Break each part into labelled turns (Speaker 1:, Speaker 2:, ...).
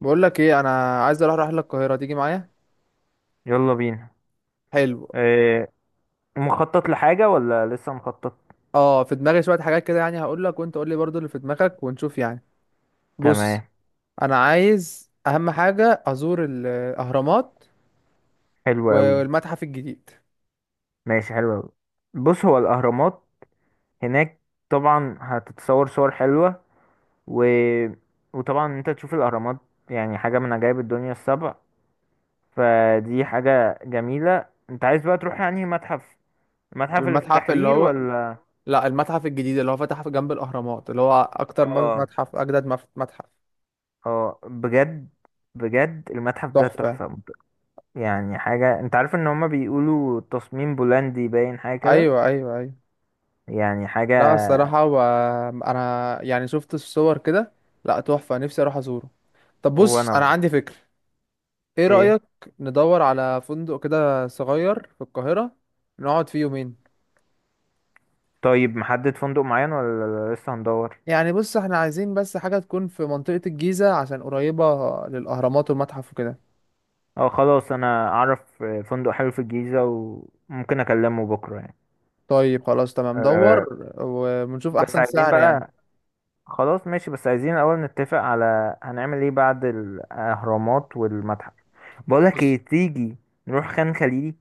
Speaker 1: بقول لك ايه، انا عايز اروح رحله القاهره، تيجي معايا؟
Speaker 2: يلا بينا.
Speaker 1: حلو.
Speaker 2: إيه؟ مخطط لحاجة ولا لسه مخطط؟
Speaker 1: اه، في دماغي شويه حاجات كده يعني، هقول لك وانت قول لي برضو اللي في دماغك ونشوف يعني.
Speaker 2: تمام.
Speaker 1: بص، انا عايز اهم حاجه ازور الاهرامات
Speaker 2: حلو قوي.
Speaker 1: والمتحف الجديد.
Speaker 2: ماشي، حلو قوي. بص، هو الأهرامات هناك، طبعا هتتصور صور حلوة. و... وطبعا انت تشوف الأهرامات، يعني حاجة من عجائب الدنيا السبع. فدي حاجة جميلة، انت عايز بقى تروح يعني المتحف اللي في
Speaker 1: المتحف اللي
Speaker 2: التحرير
Speaker 1: هو،
Speaker 2: ولا؟
Speaker 1: لا المتحف الجديد اللي هو فتح في جنب الاهرامات، اللي هو اكتر
Speaker 2: اه،
Speaker 1: متحف اجدد، متحف
Speaker 2: اه، بجد. بجد المتحف ده
Speaker 1: تحفه.
Speaker 2: تحفة. يعني حاجة، انت عارف ان هما بيقولوا تصميم بولندي باين حاجة كده.
Speaker 1: ايوه، ايوه، ايوه.
Speaker 2: يعني حاجة.
Speaker 1: لا الصراحه، انا يعني شفت الصور كده، لا تحفه نفسي اروح ازوره. طب بص،
Speaker 2: وانا
Speaker 1: انا
Speaker 2: برضه.
Speaker 1: عندي فكره. ايه
Speaker 2: ايه،
Speaker 1: رأيك ندور على فندق كده صغير في القاهرة، نقعد فيه يومين؟
Speaker 2: طيب محدد فندق معين ولا لسه هندور؟
Speaker 1: يعني بص، احنا عايزين بس حاجة تكون في منطقة الجيزة عشان قريبة للأهرامات والمتحف وكده.
Speaker 2: اه، خلاص، انا اعرف فندق حلو في الجيزة، وممكن اكلمه بكرة يعني.
Speaker 1: طيب خلاص تمام، دور
Speaker 2: أه.
Speaker 1: ونشوف
Speaker 2: بس
Speaker 1: أحسن
Speaker 2: عايزين
Speaker 1: سعر يعني.
Speaker 2: بقى خلاص ماشي، بس عايزين الاول نتفق على، هنعمل ايه بعد الاهرامات والمتحف. بقولك
Speaker 1: بص،
Speaker 2: ايه، تيجي نروح خان خليلي؟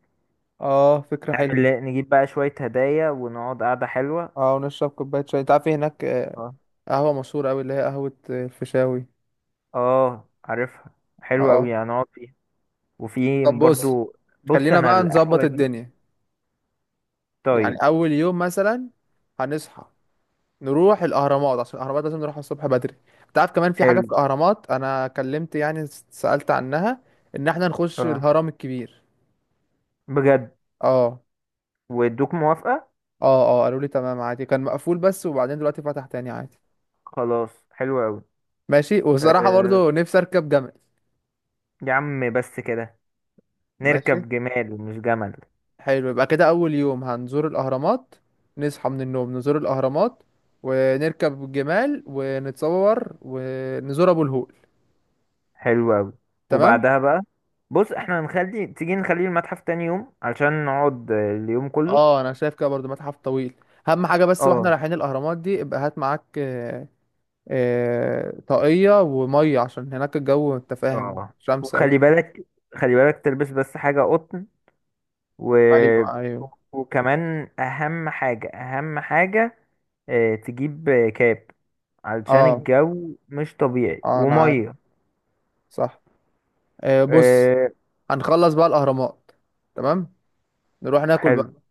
Speaker 1: اه فكرة حلوة.
Speaker 2: نجيب بقى شوية هدايا ونقعد قعدة حلوة.
Speaker 1: اه ونشرب كوباية شاي، انت عارف إيه هناك،
Speaker 2: اه،
Speaker 1: قهوة مشهورة أوي اللي هي قهوة الفيشاوي.
Speaker 2: اه، عارفها. حلوة
Speaker 1: اه.
Speaker 2: اوي هنقعد فيها. وفي
Speaker 1: طب بص،
Speaker 2: برضو. بص
Speaker 1: خلينا
Speaker 2: انا
Speaker 1: بقى نظبط
Speaker 2: القهوة دي.
Speaker 1: الدنيا. يعني
Speaker 2: طيب.
Speaker 1: أول يوم مثلا هنصحى، نروح الاهرامات عشان الاهرامات لازم نروحها الصبح بدري. انت عارف كمان في حاجه
Speaker 2: حلو.
Speaker 1: في الاهرامات، انا كلمت يعني سالت عنها، ان احنا نخش
Speaker 2: اه،
Speaker 1: الهرم الكبير.
Speaker 2: بجد؟
Speaker 1: اه
Speaker 2: وادوك موافقة؟
Speaker 1: اه، اه قالوا لي تمام عادي، كان مقفول بس وبعدين دلوقتي فتح تاني عادي.
Speaker 2: خلاص، حلو أوي.
Speaker 1: ماشي. وصراحه
Speaker 2: أه.
Speaker 1: برضو نفسي اركب جمل.
Speaker 2: يا عم بس كده!
Speaker 1: ماشي.
Speaker 2: نركب جمال، مش جمل!
Speaker 1: حلو، يبقى كده اول يوم هنزور الاهرامات، نصحى من النوم نزور الاهرامات ونركب الجمال ونتصور ونزور ابو الهول.
Speaker 2: حلو أوي.
Speaker 1: تمام.
Speaker 2: وبعدها بقى، بص احنا تيجي نخلي المتحف تاني يوم علشان نقعد اليوم كله.
Speaker 1: اه انا شايف كده برضو، متحف طويل. اهم حاجه بس واحنا
Speaker 2: اه،
Speaker 1: رايحين الاهرامات دي، ابقى هات معاك طاقيه وميه عشان هناك الجو، انت فاهم
Speaker 2: اه.
Speaker 1: شمس اوي.
Speaker 2: وخلي بالك، خلي بالك تلبس بس حاجة قطن. و...
Speaker 1: ايوه، ايوه.
Speaker 2: وكمان أهم حاجة، أهم حاجة، تجيب كاب، علشان
Speaker 1: اه
Speaker 2: الجو مش طبيعي
Speaker 1: اه، انا عارف.
Speaker 2: ومية.
Speaker 1: صح. بص،
Speaker 2: إيه.
Speaker 1: هنخلص بقى الاهرامات، تمام، نروح ناكل بقى.
Speaker 2: حلو.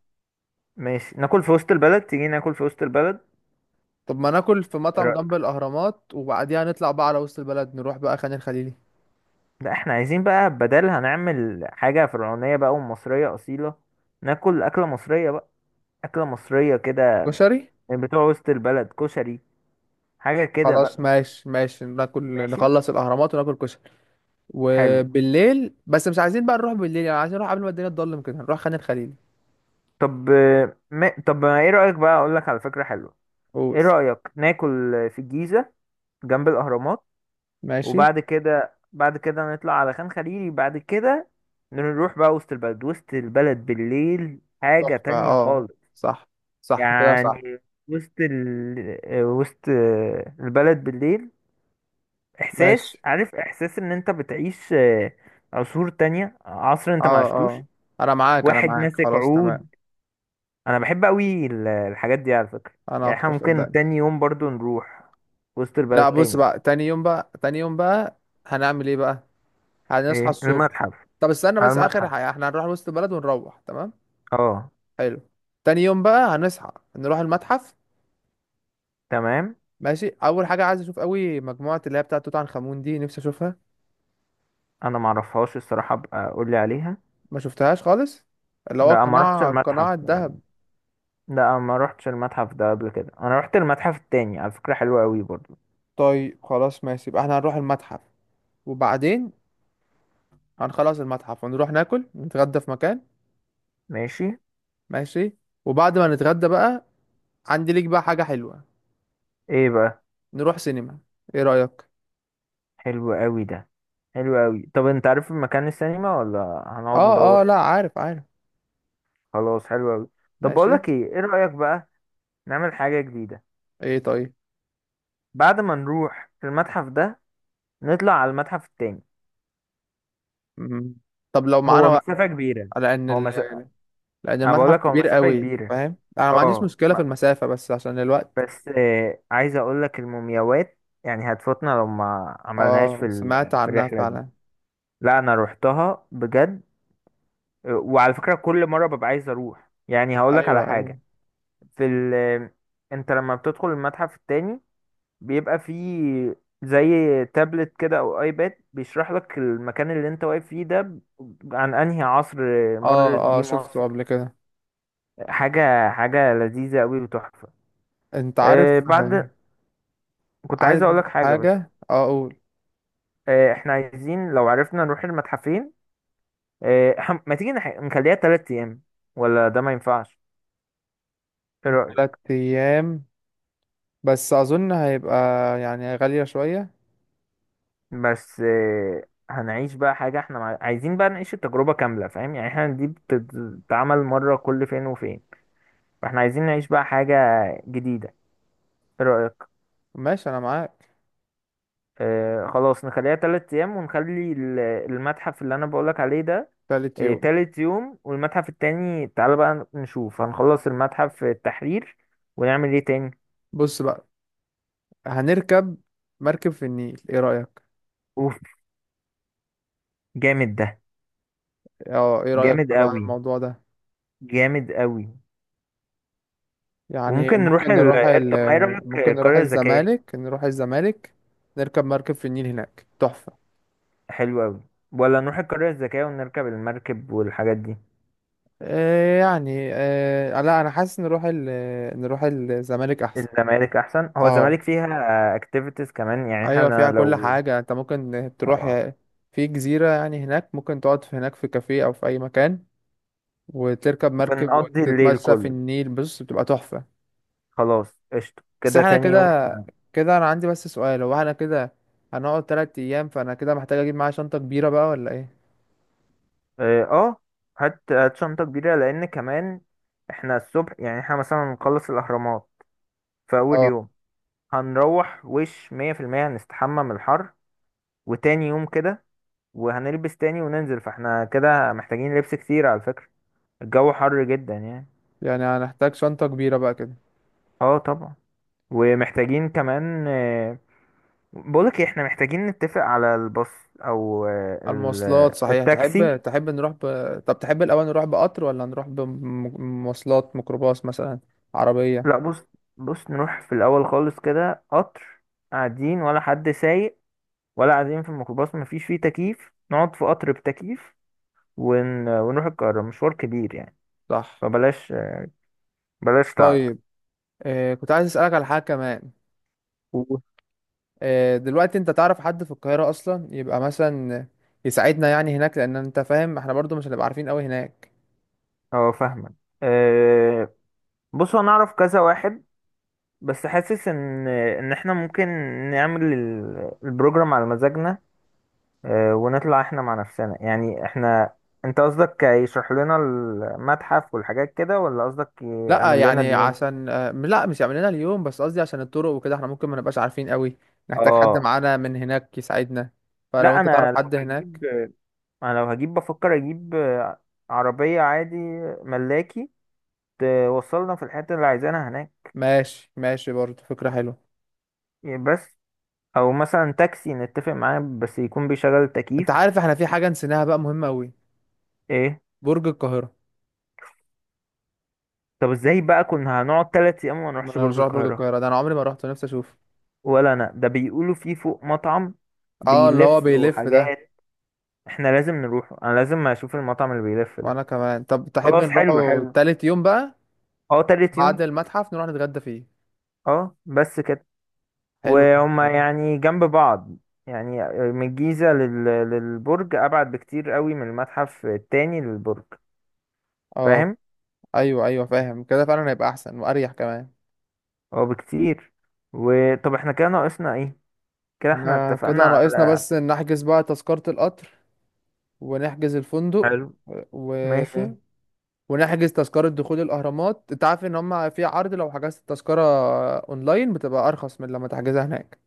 Speaker 2: ماشي، ناكل في وسط البلد، تيجي ناكل في وسط البلد؟
Speaker 1: طب ما ناكل في
Speaker 2: إيه
Speaker 1: مطعم جنب
Speaker 2: رأيك؟
Speaker 1: الاهرامات وبعديها نطلع بقى على وسط البلد، نروح بقى خان الخليلي.
Speaker 2: لا، احنا عايزين بقى بدل، هنعمل حاجة فرعونية بقى ومصرية أصيلة. ناكل أكلة مصرية بقى، أكلة مصرية كده،
Speaker 1: كشري.
Speaker 2: من بتوع وسط البلد، كشري، حاجة كده
Speaker 1: خلاص
Speaker 2: بقى.
Speaker 1: ماشي، ماشي ناكل.
Speaker 2: ماشي.
Speaker 1: نخلص الاهرامات وناكل كشري.
Speaker 2: حلو.
Speaker 1: وبالليل، بس مش عايزين بقى نروح بالليل يعني، عايزين نروح قبل ما الدنيا تضلم كده، نروح خان الخليلي.
Speaker 2: طب ما ايه رأيك بقى، أقولك على فكرة حلوة.
Speaker 1: قول.
Speaker 2: ايه رأيك، ناكل في الجيزة جنب الأهرامات؟
Speaker 1: ماشي.
Speaker 2: وبعد كده نطلع على خان خليلي بعد كده. نروح بقى وسط البلد، وسط البلد بالليل حاجة
Speaker 1: تحفة.
Speaker 2: تانية
Speaker 1: اه،
Speaker 2: خالص.
Speaker 1: صح. صح كده، صح.
Speaker 2: يعني وسط البلد بالليل، إحساس،
Speaker 1: ماشي.
Speaker 2: عارف، إحساس إن أنت بتعيش عصور تانية، عصر أنت ما
Speaker 1: اه
Speaker 2: عشتوش.
Speaker 1: اه، انا معاك، انا
Speaker 2: واحد
Speaker 1: معاك،
Speaker 2: ماسك
Speaker 1: خلاص تمام.
Speaker 2: عود. أنا بحب أوي الحاجات دي على فكرة.
Speaker 1: انا
Speaker 2: يعني إحنا
Speaker 1: اكتر،
Speaker 2: ممكن
Speaker 1: صدقني.
Speaker 2: تاني يوم برضو نروح وسط البلد
Speaker 1: لا بص
Speaker 2: تاني.
Speaker 1: بقى، تاني يوم بقى، تاني يوم بقى هنعمل ايه بقى؟ هنصحى
Speaker 2: إيه،
Speaker 1: الصبح.
Speaker 2: المتحف؟
Speaker 1: طب استنى
Speaker 2: على
Speaker 1: بس، اخر
Speaker 2: المتحف.
Speaker 1: حاجة احنا هنروح وسط البلد ونروح تمام.
Speaker 2: اه.
Speaker 1: حلو. تاني يوم بقى هنصحى، نروح المتحف.
Speaker 2: تمام.
Speaker 1: ماشي. اول حاجة عايز اشوف قوي مجموعة اللي هي بتاعة توت عنخ امون دي، نفسي اشوفها.
Speaker 2: انا ما اعرفهاش الصراحه، ابقى قول لي عليها.
Speaker 1: ما شفتهاش خالص، اللي هو
Speaker 2: لا، ما رحتش
Speaker 1: القناع،
Speaker 2: المتحف.
Speaker 1: قناع الذهب.
Speaker 2: لا، ما رحتش المتحف ده قبل كده. انا رحت المتحف التاني، على فكره حلو قوي برضو.
Speaker 1: طيب خلاص ماشي، يبقى احنا هنروح المتحف وبعدين هنخلص المتحف ونروح ناكل، نتغدى في مكان.
Speaker 2: ماشي.
Speaker 1: ماشي. وبعد ما نتغدى بقى، عندي ليك بقى حاجة حلوة،
Speaker 2: ايه بقى؟
Speaker 1: نروح سينما. ايه رأيك؟
Speaker 2: حلو قوي ده. حلو قوي. طب انت عارف مكان السينما ولا
Speaker 1: اه
Speaker 2: هنقعد
Speaker 1: اه
Speaker 2: ندور؟
Speaker 1: لا، عارف عارف.
Speaker 2: خلاص، حلو قوي. طب بقول
Speaker 1: ماشي.
Speaker 2: لك ايه، ايه رايك بقى نعمل حاجه جديده،
Speaker 1: ايه طيب.
Speaker 2: بعد ما نروح المتحف ده نطلع على المتحف التاني؟
Speaker 1: مم. طب لو معانا
Speaker 2: هو
Speaker 1: وقت.
Speaker 2: مسافه كبيره.
Speaker 1: لان
Speaker 2: هو مسافه
Speaker 1: ال... لان
Speaker 2: انا بقول
Speaker 1: المتحف
Speaker 2: لك هو
Speaker 1: كبير
Speaker 2: مسافه
Speaker 1: قوي،
Speaker 2: كبيره.
Speaker 1: فاهم، انا ما عنديش
Speaker 2: اه.
Speaker 1: مشكلة في المسافة بس عشان الوقت.
Speaker 2: بس عايز اقول لك المومياوات، يعني هتفوتنا لو ما عملناهاش
Speaker 1: اه سمعت
Speaker 2: في
Speaker 1: عنها
Speaker 2: الرحله دي.
Speaker 1: فعلا.
Speaker 2: لا، انا روحتها بجد. وعلى فكره كل مره ببقى عايز اروح، يعني هقول لك
Speaker 1: ايوه،
Speaker 2: على
Speaker 1: ايوه.
Speaker 2: حاجه. في ال آه، انت لما بتدخل المتحف التاني بيبقى فيه زي تابلت كده او ايباد بيشرح لك المكان اللي انت واقف فيه ده. عن انهي عصر
Speaker 1: اه
Speaker 2: مرت
Speaker 1: اه،
Speaker 2: بيه
Speaker 1: شفته
Speaker 2: مصر.
Speaker 1: قبل كده.
Speaker 2: حاجه، حاجه لذيذه قوي وتحفه.
Speaker 1: انت عارف،
Speaker 2: آه، بعد كنت
Speaker 1: عايز
Speaker 2: عايز اقول لك حاجه بس.
Speaker 1: حاجة اقول.
Speaker 2: احنا عايزين لو عرفنا نروح المتحفين. ما تيجي نخليها 3 ايام، ولا ده ما ينفعش؟ ايه رأيك؟
Speaker 1: تلات ايام، بس اظن هيبقى يعني غالية شوية.
Speaker 2: بس هنعيش بقى حاجة، احنا عايزين بقى نعيش التجربة كاملة، فاهم؟ يعني احنا دي بتتعمل مرة كل فين وفين. فاحنا عايزين نعيش بقى حاجة جديدة. ايه رأيك؟
Speaker 1: ماشي، انا معاك.
Speaker 2: خلاص نخليها 3 ايام، ونخلي المتحف اللي انا بقولك عليه ده.
Speaker 1: تالت يوم.
Speaker 2: تالت يوم، والمتحف التاني، تعالى بقى نشوف هنخلص المتحف التحرير ونعمل ايه تاني.
Speaker 1: بص بقى، هنركب مركب في النيل، ايه رأيك؟
Speaker 2: اوف! جامد ده.
Speaker 1: اه ايه رأيك
Speaker 2: جامد
Speaker 1: بقى على
Speaker 2: قوي،
Speaker 1: الموضوع ده؟
Speaker 2: جامد قوي.
Speaker 1: يعني
Speaker 2: وممكن نروح
Speaker 1: ممكن
Speaker 2: طب ما ايه رأيك،
Speaker 1: ممكن نروح
Speaker 2: القرية الذكية؟
Speaker 1: الزمالك، نروح الزمالك، نركب مركب في النيل، هناك تحفة.
Speaker 2: حلو قوي. ولا نروح القرية الذكية ونركب المركب والحاجات دي؟
Speaker 1: إيه يعني إيه، لا انا حاسس نروح الزمالك احسن.
Speaker 2: الزمالك احسن. هو
Speaker 1: اه.
Speaker 2: الزمالك فيها اكتيفيتيز كمان. يعني
Speaker 1: ايوه
Speaker 2: احنا
Speaker 1: فيها كل
Speaker 2: لو.
Speaker 1: حاجه انت ممكن تروح
Speaker 2: آه.
Speaker 1: في جزيره يعني، هناك ممكن تقعد في هناك في كافيه او في اي مكان وتركب مركب
Speaker 2: ونقضي الليل
Speaker 1: وتتمشى في
Speaker 2: كله.
Speaker 1: النيل، بص بتبقى تحفه.
Speaker 2: خلاص، قشطة
Speaker 1: بس
Speaker 2: كده.
Speaker 1: احنا
Speaker 2: تاني يوم
Speaker 1: كده،
Speaker 2: احنا.
Speaker 1: كده انا عندي بس سؤال، هو احنا كده هنقعد تلات ايام، فانا كده محتاج اجيب معايا شنطه كبيره بقى ولا ايه؟
Speaker 2: اه. هات، هات شنطة كبيرة، لان كمان احنا الصبح، يعني احنا مثلا نخلص الاهرامات في اول
Speaker 1: اه.
Speaker 2: يوم. هنروح وش 100% هنستحمى من الحر. وتاني يوم كده وهنلبس تاني وننزل، فاحنا كده محتاجين لبس كتير على فكرة. الجو حر جدا يعني.
Speaker 1: يعني هنحتاج شنطه كبيره بقى كده.
Speaker 2: اه، طبعا. ومحتاجين كمان بقولك إيه، احنا محتاجين نتفق على الباص، او
Speaker 1: المواصلات، صحيح،
Speaker 2: التاكسي.
Speaker 1: تحب طب تحب الاول نروح بقطر ولا نروح بمواصلات، ميكروباص مثلا، عربيه.
Speaker 2: لا، بص، بص، نروح في الاول خالص كده قطر. قاعدين ولا حد سايق؟ ولا قاعدين في الميكروباص مفيش فيه تكييف؟ نقعد في قطر بتكييف. ونروح القاهرة مشوار كبير يعني.
Speaker 1: صح.
Speaker 2: فبلاش، بلاش تعب.
Speaker 1: طيب آه كنت عايز اسالك على حاجه كمان.
Speaker 2: و-
Speaker 1: آه دلوقتي انت تعرف حد في القاهره اصلا، يبقى مثلا يساعدنا يعني هناك، لان انت فاهم احنا برضو مش هنبقى عارفين قوي هناك.
Speaker 2: اه، فاهمك. آه، بص، انا اعرف كذا واحد، بس حاسس ان احنا ممكن نعمل البروجرام على مزاجنا. ونطلع احنا مع نفسنا يعني احنا. انت قصدك يشرح لنا المتحف والحاجات كده، ولا قصدك
Speaker 1: لا
Speaker 2: يعمل لنا
Speaker 1: يعني
Speaker 2: اليوم؟
Speaker 1: عشان آه، لا مش يعمل لنا اليوم، بس قصدي عشان الطرق وكده احنا ممكن ما نبقاش عارفين قوي، نحتاج حد
Speaker 2: اه.
Speaker 1: معانا من هناك يساعدنا، فلو
Speaker 2: لا،
Speaker 1: انت تعرف حد هناك.
Speaker 2: انا لو هجيب بفكر اجيب عربية عادي. ملاكي. توصلنا في الحتة اللي عايزينها هناك.
Speaker 1: ماشي ماشي، برضو فكره حلوه.
Speaker 2: بس. او مثلا تاكسي نتفق معاه بس يكون بيشغل التكييف.
Speaker 1: انت عارف احنا في حاجه نسيناها بقى مهمه قوي،
Speaker 2: ايه؟
Speaker 1: برج القاهره.
Speaker 2: طب ازاي بقى كنا هنقعد 3 ايام وما
Speaker 1: ما
Speaker 2: نروحش
Speaker 1: انا مش
Speaker 2: برج
Speaker 1: رايح برج
Speaker 2: القاهرة؟
Speaker 1: القاهره ده، انا عمري ما رحت، نفسي اشوفه.
Speaker 2: ولا انا، ده بيقولوا فيه فوق مطعم
Speaker 1: اه اللي هو
Speaker 2: بيلف
Speaker 1: بيلف ده.
Speaker 2: وحاجات. احنا لازم نروحه، انا لازم اشوف المطعم اللي بيلف ده.
Speaker 1: وانا كمان، طب تحب
Speaker 2: خلاص، حلو،
Speaker 1: نروحوا
Speaker 2: حلو.
Speaker 1: تالت يوم بقى؟
Speaker 2: اه، تالت يوم.
Speaker 1: بعد المتحف نروح نتغدى فيه.
Speaker 2: اه، بس كده.
Speaker 1: حلو
Speaker 2: وهما
Speaker 1: المحترم.
Speaker 2: يعني جنب بعض. يعني من الجيزة للبرج، ابعد بكتير قوي من المتحف التاني للبرج.
Speaker 1: اه.
Speaker 2: فاهم.
Speaker 1: ايوه ايوه فاهم، كده فعلا هيبقى احسن واريح كمان.
Speaker 2: اه، بكتير. وطب احنا كده ناقصنا ايه؟ كده احنا
Speaker 1: احنا
Speaker 2: اتفقنا
Speaker 1: كده ناقصنا
Speaker 2: على.
Speaker 1: بس إن نحجز بقى تذكرة القطر ونحجز الفندق
Speaker 2: حلو.
Speaker 1: و...
Speaker 2: ماشي.
Speaker 1: ونحجز تذكرة دخول الأهرامات. انت عارف ان هم في عرض لو حجزت التذكرة اونلاين، بتبقى ارخص من لما تحجزها هناك.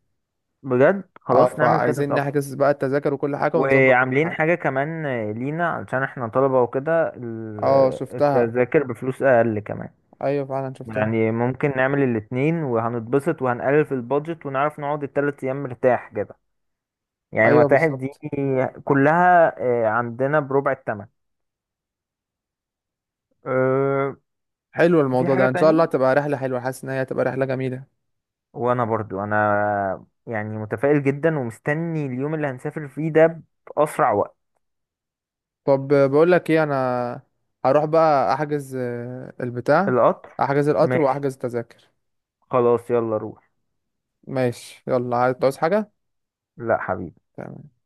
Speaker 2: بجد،
Speaker 1: اه،
Speaker 2: خلاص نعمل كده
Speaker 1: فعايزين
Speaker 2: طب.
Speaker 1: نحجز بقى التذاكر وكل حاجة ونظبط كل
Speaker 2: وعاملين
Speaker 1: حاجة.
Speaker 2: حاجة كمان لينا علشان احنا طلبة وكده،
Speaker 1: اه شفتها.
Speaker 2: التذاكر بفلوس أقل كمان.
Speaker 1: ايوه فعلا شفتها.
Speaker 2: يعني ممكن نعمل الاتنين، وهنتبسط وهنقلل في البادجت ونعرف نقعد التلات أيام مرتاح كده. يعني
Speaker 1: ايوه
Speaker 2: المتاحف دي
Speaker 1: بالظبط.
Speaker 2: كلها عندنا بربع التمن. آه،
Speaker 1: حلو
Speaker 2: وفي
Speaker 1: الموضوع
Speaker 2: حاجة
Speaker 1: ده، ان شاء الله
Speaker 2: تاني.
Speaker 1: تبقى رحله حلوه، حاسس ان هي تبقى رحله جميله.
Speaker 2: وأنا برضو يعني متفائل جدا ومستني اليوم اللي هنسافر فيه ده بأسرع وقت.
Speaker 1: طب بقول لك ايه، انا هروح بقى احجز البتاع،
Speaker 2: القطر.
Speaker 1: احجز القطر
Speaker 2: ماشي.
Speaker 1: واحجز التذاكر.
Speaker 2: خلاص، يلا روح.
Speaker 1: ماشي، يلا عايز تعوز حاجه؟
Speaker 2: لا، حبيبي.
Speaker 1: تمام.